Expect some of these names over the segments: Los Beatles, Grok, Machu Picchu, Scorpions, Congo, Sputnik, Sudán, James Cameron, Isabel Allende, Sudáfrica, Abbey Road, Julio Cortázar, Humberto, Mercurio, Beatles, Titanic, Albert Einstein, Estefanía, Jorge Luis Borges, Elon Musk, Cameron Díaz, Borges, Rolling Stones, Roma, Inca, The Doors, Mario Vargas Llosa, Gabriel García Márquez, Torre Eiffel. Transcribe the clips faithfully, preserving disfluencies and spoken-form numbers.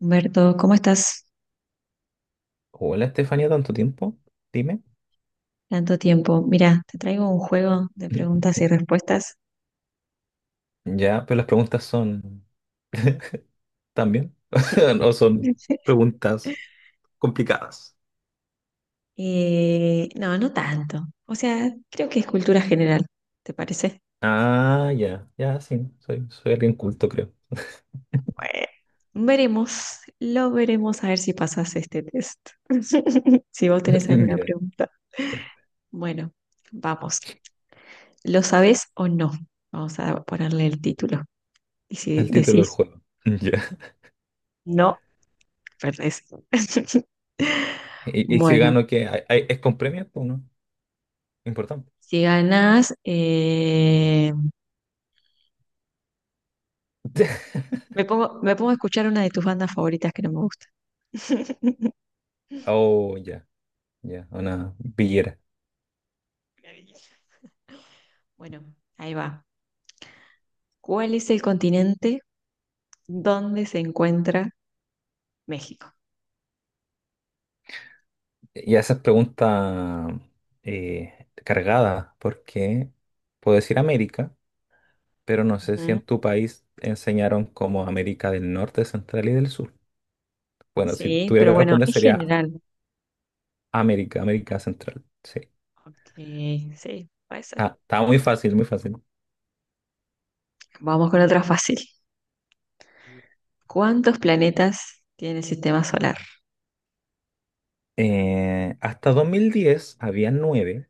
Humberto, ¿cómo estás? Hola Estefanía, tanto tiempo, dime. Tanto tiempo. Mira, te traigo un juego de preguntas y respuestas. Ya, pero las preguntas son también, no son preguntas complicadas. Eh, no, no tanto. O sea, creo que es cultura general, ¿te parece? Ah, ya, ya, sí, soy, soy alguien culto, creo. Bueno, veremos, lo veremos a ver si pasas este test. Si vos tenés alguna Ya, pregunta. Bueno, vamos. ¿Lo sabés o no? Vamos a ponerle el título. Y si el título del decís juego. Ya. no, perdés. Y, y si Bueno, gano, ¿qué? ¿Hay- hay- ¿Es con premio o no? Importante. si ganás, eh, Me pongo, me pongo a escuchar una de tus bandas favoritas que no me gusta. Oh, ya, ya, una billera. Maravilloso. Bueno, ahí va. ¿Cuál es el continente donde se encuentra México? Y esas preguntas eh, cargadas, porque puedo decir América, pero no sé si Ujú. en tu país enseñaron como América del Norte, Central y del Sur. Bueno, si Sí, tuviera pero que bueno, responder es sería general. América, América Central. Sí. Ok, sí, puede ser. Ah, estaba muy fácil, muy fácil. Vamos con otra fácil. ¿Cuántos planetas tiene el sistema solar? Eh, hasta dos mil diez había nueve,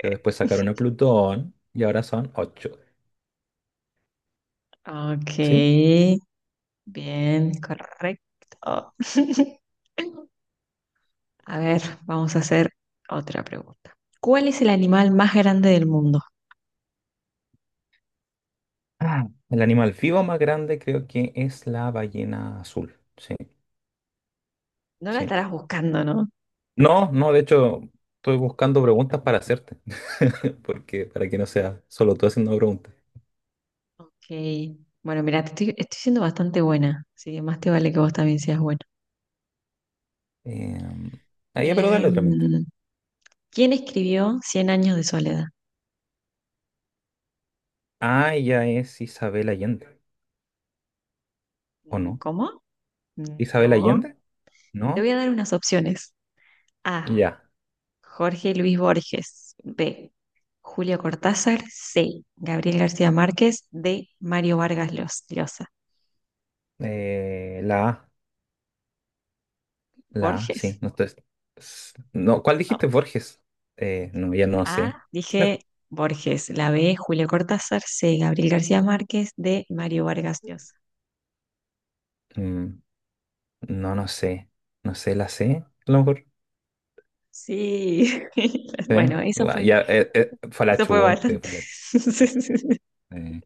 pero Eh, después sacaron a Plutón y ahora son ocho. Ok, ¿Sí? bien, correcto. A ver, vamos a hacer otra pregunta. ¿Cuál es el animal más grande del mundo? Ah, el animal vivo más grande creo que es la ballena azul. Sí, No la sí. estarás buscando, ¿no? No, no, de hecho, estoy buscando preguntas para hacerte. Porque para que no sea solo tú haciendo preguntas. Ok. Bueno, mira, te estoy, estoy siendo bastante buena, así que más te vale que vos también seas buena. Eh, ah, ya, pero dale otra mientras. Em, ¿quién escribió Cien años de soledad? Ah, ella es Isabel Allende, ¿o Mm, no? ¿cómo? ¿Isabel No. Allende? Te voy ¿No? a dar unas opciones. A. Ya. Jorge Luis Borges. B. Julio Cortázar. C. Gabriel García Márquez. D. Mario Vargas Llos- Llosa. Eh, la A, la A, sí. Borges. No, estoy- s- no, ¿cuál No. dijiste, Borges? Eh, no, ya no A, sé. Creo- dije Borges, la B, Julio Cortázar, C, Gabriel García Márquez, D, Mario Vargas Llosa. mm, no, no sé. No sé, la C, a lo mejor. Sí, bueno, Sí, eso la- fue, ya, eh, eh, fue la eso fue chunte, bastante, fue, la- eh,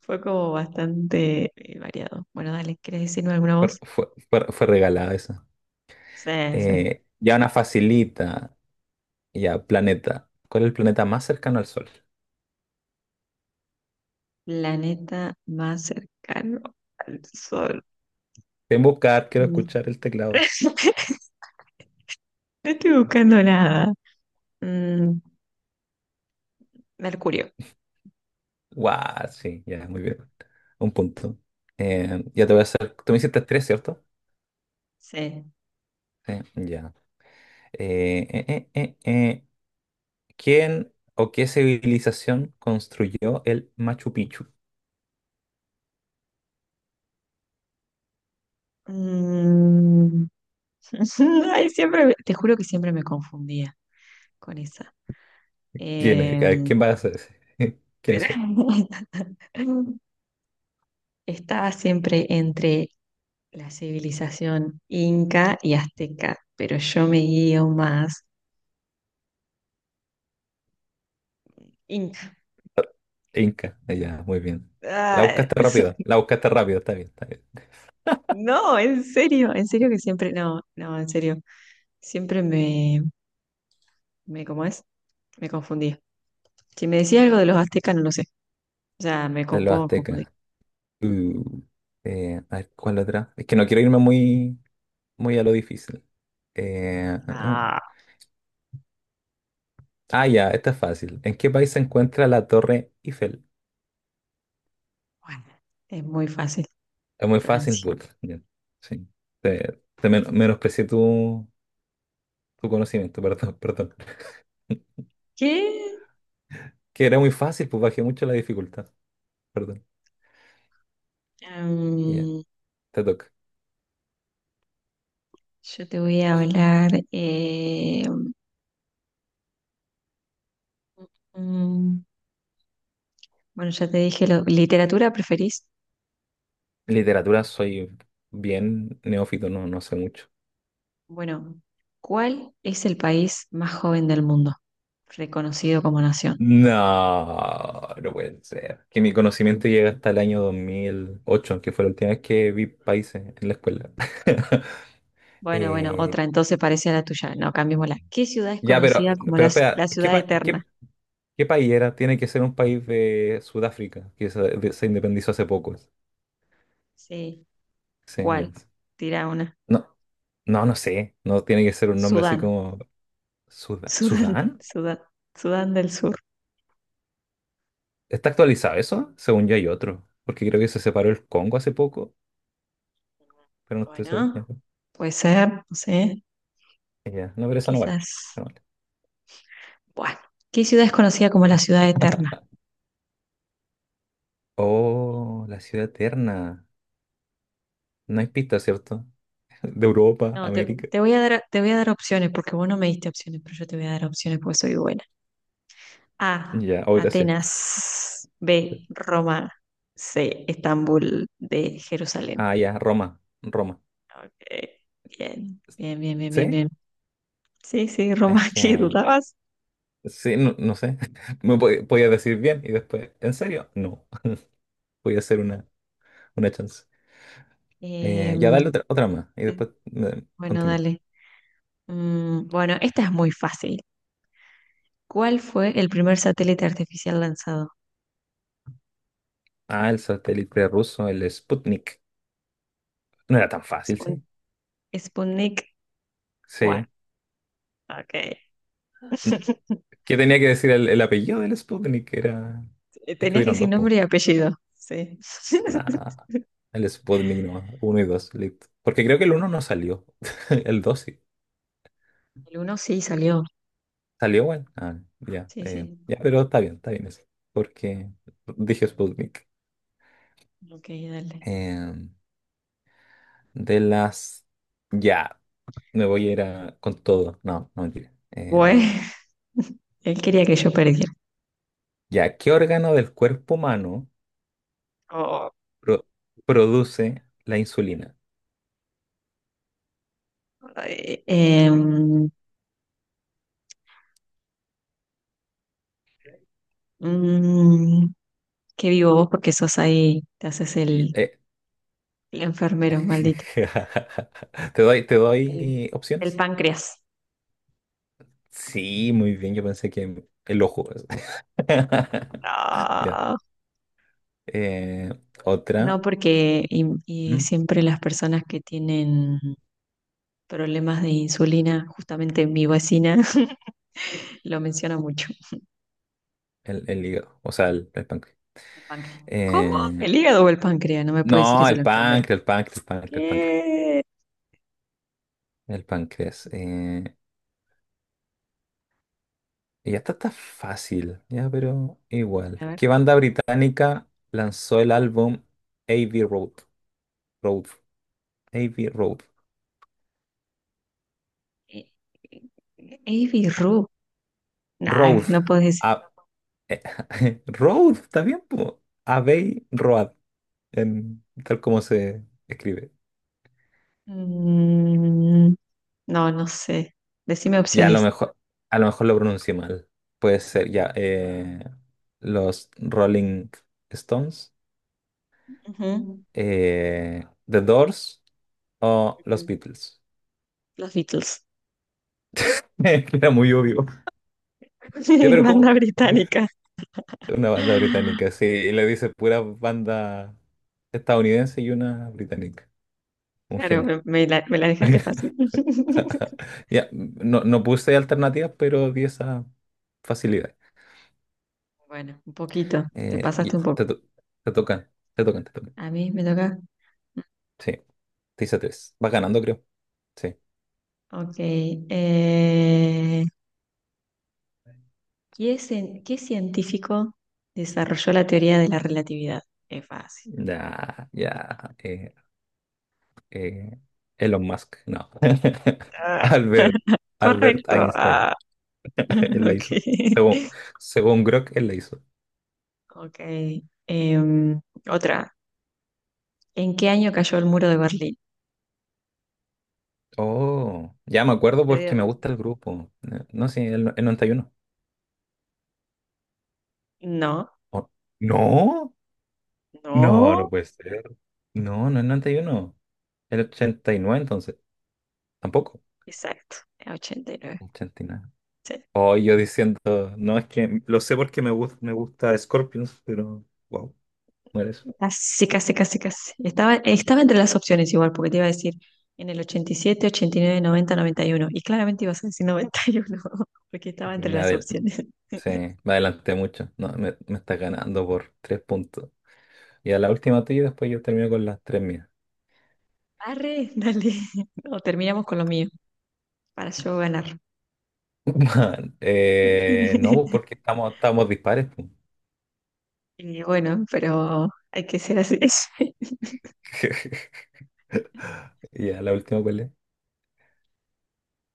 fue como bastante eh, variado. Bueno, dale, ¿quieres decirme alguna voz? fue, fue, fue- fue regalada esa. Sí, sí. Eh, ya una facilita, ya, planeta. ¿Cuál es el planeta más cercano al Sol? Planeta más cercano al Sol. En buscar, quiero Mm. escuchar el teclado. No estoy buscando nada. Mm, Mercurio. Guau, sí, ya, muy bien. Un punto. Eh, ya te voy a hacer. Tú me hiciste tres, ¿cierto? Sí. Sí, ya. Eh, eh, eh, eh, eh, ¿Quién o qué civilización construyó el Machu Picchu? Mm, Ay, siempre, me- te juro que siempre me confundía con esa. ¿Quién Eh, es? A ver, ¿quién va a ser ese? ¿Quiénes pero son? estaba siempre entre la civilización inca y azteca, pero yo me guío más inca. Inca. Eh, ya, muy bien. La Ah, buscaste rápido, la buscaste rápido, está bien, está bien. no, en serio, en serio que siempre, no, no, en serio, siempre me, me, ¿cómo es? Me confundía. Si me decía algo de los aztecas, no lo sé, ya me De co- los puedo confundir. aztecas. Uh, eh, a ver, ¿cuál otra? Es que no quiero irme muy, muy a lo difícil. Eh, ah, ah. Ah, Ah, ya, esta es fácil. ¿En qué país se encuentra la Torre Eiffel? bueno, es muy fácil, Es muy fácil, Francia. but ya. Sí. Te, te men- menosprecié tu, tu conocimiento, perdón, perdón. ¿Qué? Que era muy fácil, pues bajé mucho la dificultad. Perdón. Ya, Am, te toca. yo te voy a hablar. eh, mm, bueno, ya te dije, lo, ¿literatura preferís? Literatura soy bien neófito, no, no sé mucho. Bueno, ¿cuál es el país más joven del mundo, reconocido como nación? No, no puede ser. Que mi conocimiento llega hasta el año dos mil ocho, que fue la última vez que vi países en la escuela. Bueno, bueno, Eh, otra, entonces parece a la tuya. No, cambiémosla. ¿Qué ciudad es ya, pero, conocida como pero la, la espera, ¿qué, ciudad pa- eterna? qué ¿qué país era? Tiene que ser un país de Sudáfrica, que se, de- se independizó hace poco. Sí, Sí, ya ¿cuál? es. Tira una. No, no, no sé. No, tiene que ser un nombre así Sudán, como Suda- Sudán, Sudán. Sudán, Sudán del Sur. ¿Está actualizado eso? Según yo hay otro. Porque creo que se separó el Congo hace poco, pero no estoy seguro. Bueno, Ya. puede ser, no sé, Ya. No, pero esa no vale, esa quizás. no vale. Bueno, ¿qué ciudad es conocida como la ciudad eterna? Oh, la ciudad eterna. No hay pista, ¿cierto? De Europa, No, te, América. te voy a dar, te voy a dar opciones porque vos no me diste opciones, pero yo te voy a dar opciones porque soy buena. A, Ya, oh, gracias. Atenas. B, Roma. C, Estambul. D, Jerusalén. Ah, ya, Roma. Roma. Eh, bien, bien, bien, bien, bien, ¿Sí? bien. Sí, sí, Roma, Es ¿qué que dudabas? sí, no, no sé. Me po- podía decir bien y después, ¿en serio? No. Voy a hacer una, una chance. Eh, Eh, ya dale otra, otra más y te- después eh, bueno, continúo. dale. Mm, bueno, esta es muy fácil. ¿Cuál fue el primer satélite artificial lanzado? Ah, el satélite ruso, el Sputnik. No era tan fácil, Spun- ¿sí? Sputnik uno. Sí. Ok. N- ¿Qué tenía que decir el, el apellido del Sputnik? Era... Eh, Es que Tenías que hubieron decir dos, pues. nombre y apellido. Sí. Nah, el Sputnik nomás, uno y dos, listo. Porque creo que el uno no salió, el dos sí. El uno sí salió. ¿Salió, bueno? Ah, ya, Sí, eh, sí. ya, pero está bien, está bien eso. Porque dije Sputnik. Ok, dale. Em, de las... Ya, me voy a ir a- con todo. No, no mentira. Bueno, Em, él quería que yo perdiera. Ya, ¿qué órgano del cuerpo humano Oh, pro- produce la insulina? ay, em, mm, qué vivo vos porque sos ahí, te haces Y- el, eh, el enfermero, maldito. ¿Te doy, te El, doy el opciones? páncreas. Sí, muy bien, yo pensé que el ojo. Ya. No, Eh, Otra. no porque y y ¿Mm? siempre las personas que tienen problemas de insulina, justamente mi vecina lo menciona mucho. El, el hígado, o sea, el, el páncreas. El páncreas. ¿Cómo? Eh, ¿El hígado o el páncreas? No me puede decir no, eso el la enfermera. páncreas, el páncreas, el páncreas, el páncreas. ¿Qué? El páncreas. eh, Y esta está fácil, ya, pero igual. A ver. ¿Qué banda británica lanzó el eh, álbum Abbey Road? Road. Abbey Road. eh, eh, birru. Nah, Road. no puedes decir. A- Road, ¿está bien, po? Abbey Road, en- tal como se escribe. Mm, no, no sé. Decime Ya, a lo opciones. mejor, a lo mejor lo pronuncié mal. Puede ser, ya. Eh, los Rolling Stones, Ujú, eh, The Doors o los ujú. Beatles. Los Beatles. Era muy obvio. Ya, pero Banda ¿cómo? británica. Una banda británica, sí. Y le dice pura banda estadounidense y una británica. Un Claro, genio. me, me la, me la dejaste fácil. Ya, no, no puse alternativas, pero di esa facilidad. Bueno, un poquito. Te Eh, y pasaste un te, poco. to- te tocan, te tocan, te tocan. A mí me toca. Sí, te hice tres. Vas ganando, creo. Sí. Ok. eh, ¿qué, cien- qué científico desarrolló la teoría de la relatividad? Es fácil. Ya, ya. eh, eh, Elon Musk, no. Ah, Albert, Albert correcto. Einstein, Ah, él la ok. hizo. Según, según Grok, él la hizo. Ok. em, otra. ¿En qué año cayó el muro de Berlín? Oh, ya me acuerdo Te porque me digo, gusta el grupo. Eh, No, sí, el, el noventa y uno. no, Oh, no, no, no no. puede ser. No, no es noventa y uno. El ochenta y nueve entonces. Tampoco. Exacto. Ochenta y nueve. ochenta y nueve. Sí. Oh, yo diciendo, no, es que lo sé porque me, gus- me gusta Scorpions, pero wow, no era eso. Casi, casi, casi, casi. Estaba, estaba entre las opciones igual, porque te iba a decir en el ochenta y siete, ochenta y nueve, noventa, noventa y uno. Y nueve, noventa, noventa y uno. Y claramente ibas a decir noventa y uno, porque estaba entre Me las adel- opciones. sí, me adelanté mucho. No, me, me está ganando por tres puntos. Y a la última tuya y después yo termino con las tres mías. Arre, dale. O terminamos con lo mío, para yo ganar. Man, eh, no, pues, porque estamos, estamos dispares pues. Y bueno, pero hay que ser así. Ya, la última cuál es.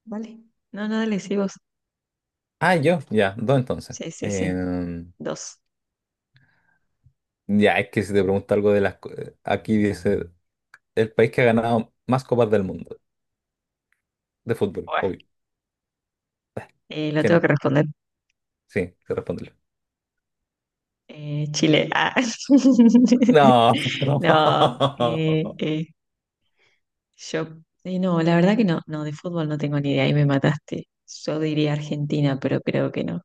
Dale. No, no, dale, sí, vos. Ah, yo, ya, dos entonces. Sí, sí, sí. Em, Dos. Ya, es que si te pregunto algo de las... co- eh, aquí dice, el país que ha ganado más copas del mundo, de fútbol, Buah. obvio. Eh, lo tengo ¿Quién? que responder. Sí, te responde. Eh, Chile. Ah. No. No. No, eh, eh, Yo, eh, no, la verdad que no, no, de fútbol no tengo ni idea, ahí me mataste. Yo diría Argentina, pero creo que no.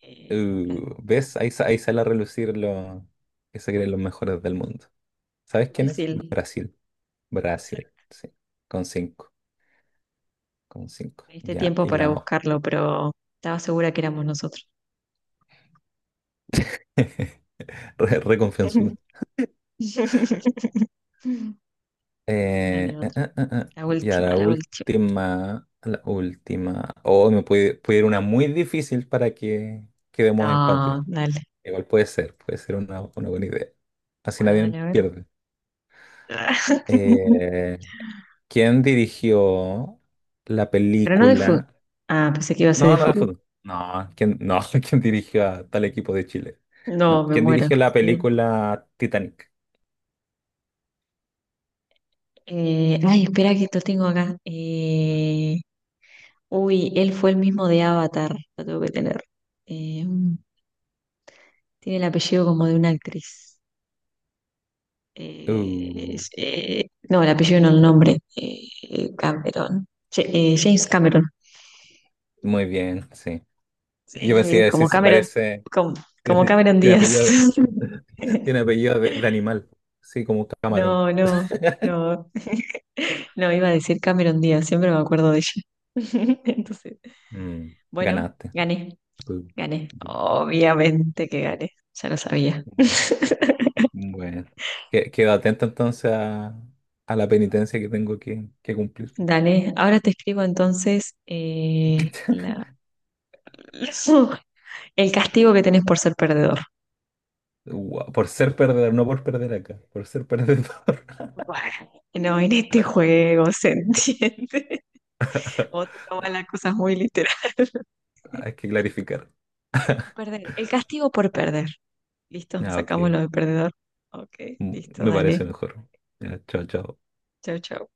Eh, Bra- Uh, ¿ves? Ahí, sa- ahí sale a relucir lo que se creen los mejores del mundo. ¿Sabes quién es? Brasil, Brasil. Brasil, sí. Con cinco. Con cinco. me diste Ya, tiempo y para la... o- buscarlo, pero estaba segura que éramos nosotros. Re, reconfianzuda. Dale, Eh, eh, otra. eh, eh, eh. La Ya última, la la última. última, la última, o me puede, puede ir una muy difícil para que quedemos empate. No, dale. Igual puede ser, puede ser una, una buena idea. Así Bueno, nadie dale, a ver. pierde. Eh, ¿Quién dirigió la Pero no de fútbol. película? Ah, pensé que iba a ser de No, no, fútbol. fútbol. No, ¿quién, no, ¿quién dirigió a tal equipo de Chile? No, No, me ¿quién muero. dirigió la ¿Quién es? película Titanic? Eh, ay, espera que esto tengo acá. Eh, Uy, él fue el mismo de Avatar, lo tengo que tener. Eh, mm, tiene el apellido como de una actriz. Eh, Uh, es- eh, no, el apellido no el nombre. Eh, Cameron. Ja- eh, James Cameron. muy bien, sí. Yo pensé Eh, que decir, como se Cameron, parece. como, como Tiene, Cameron tiene Díaz. apellido, de- tiene apellido de, de animal, sí, como un camarón. No, no, no. No, iba a decir Cameron Díaz, siempre me acuerdo de ella. Entonces, Mm, bueno, ganaste. gané, gané. Obviamente que gané, ya lo sabía. Bueno, que- quedo atento entonces a, a la penitencia que tengo que, que cumplir. Dale, ahora te escribo entonces eh, la- el castigo que tenés por ser perdedor. Guau, por ser perdedor, no por perder acá, por ser perdedor. Bueno, no, en este juego se entiende. Vos te tomas las cosas muy literal. Hay que clarificar. Por perder. El castigo por perder. ¿Listo? Ah, Sacamos ok. lo de perdedor. Ok, Mm, listo, me dale. parece mejor. Ya, chao, chao. Chau, chau.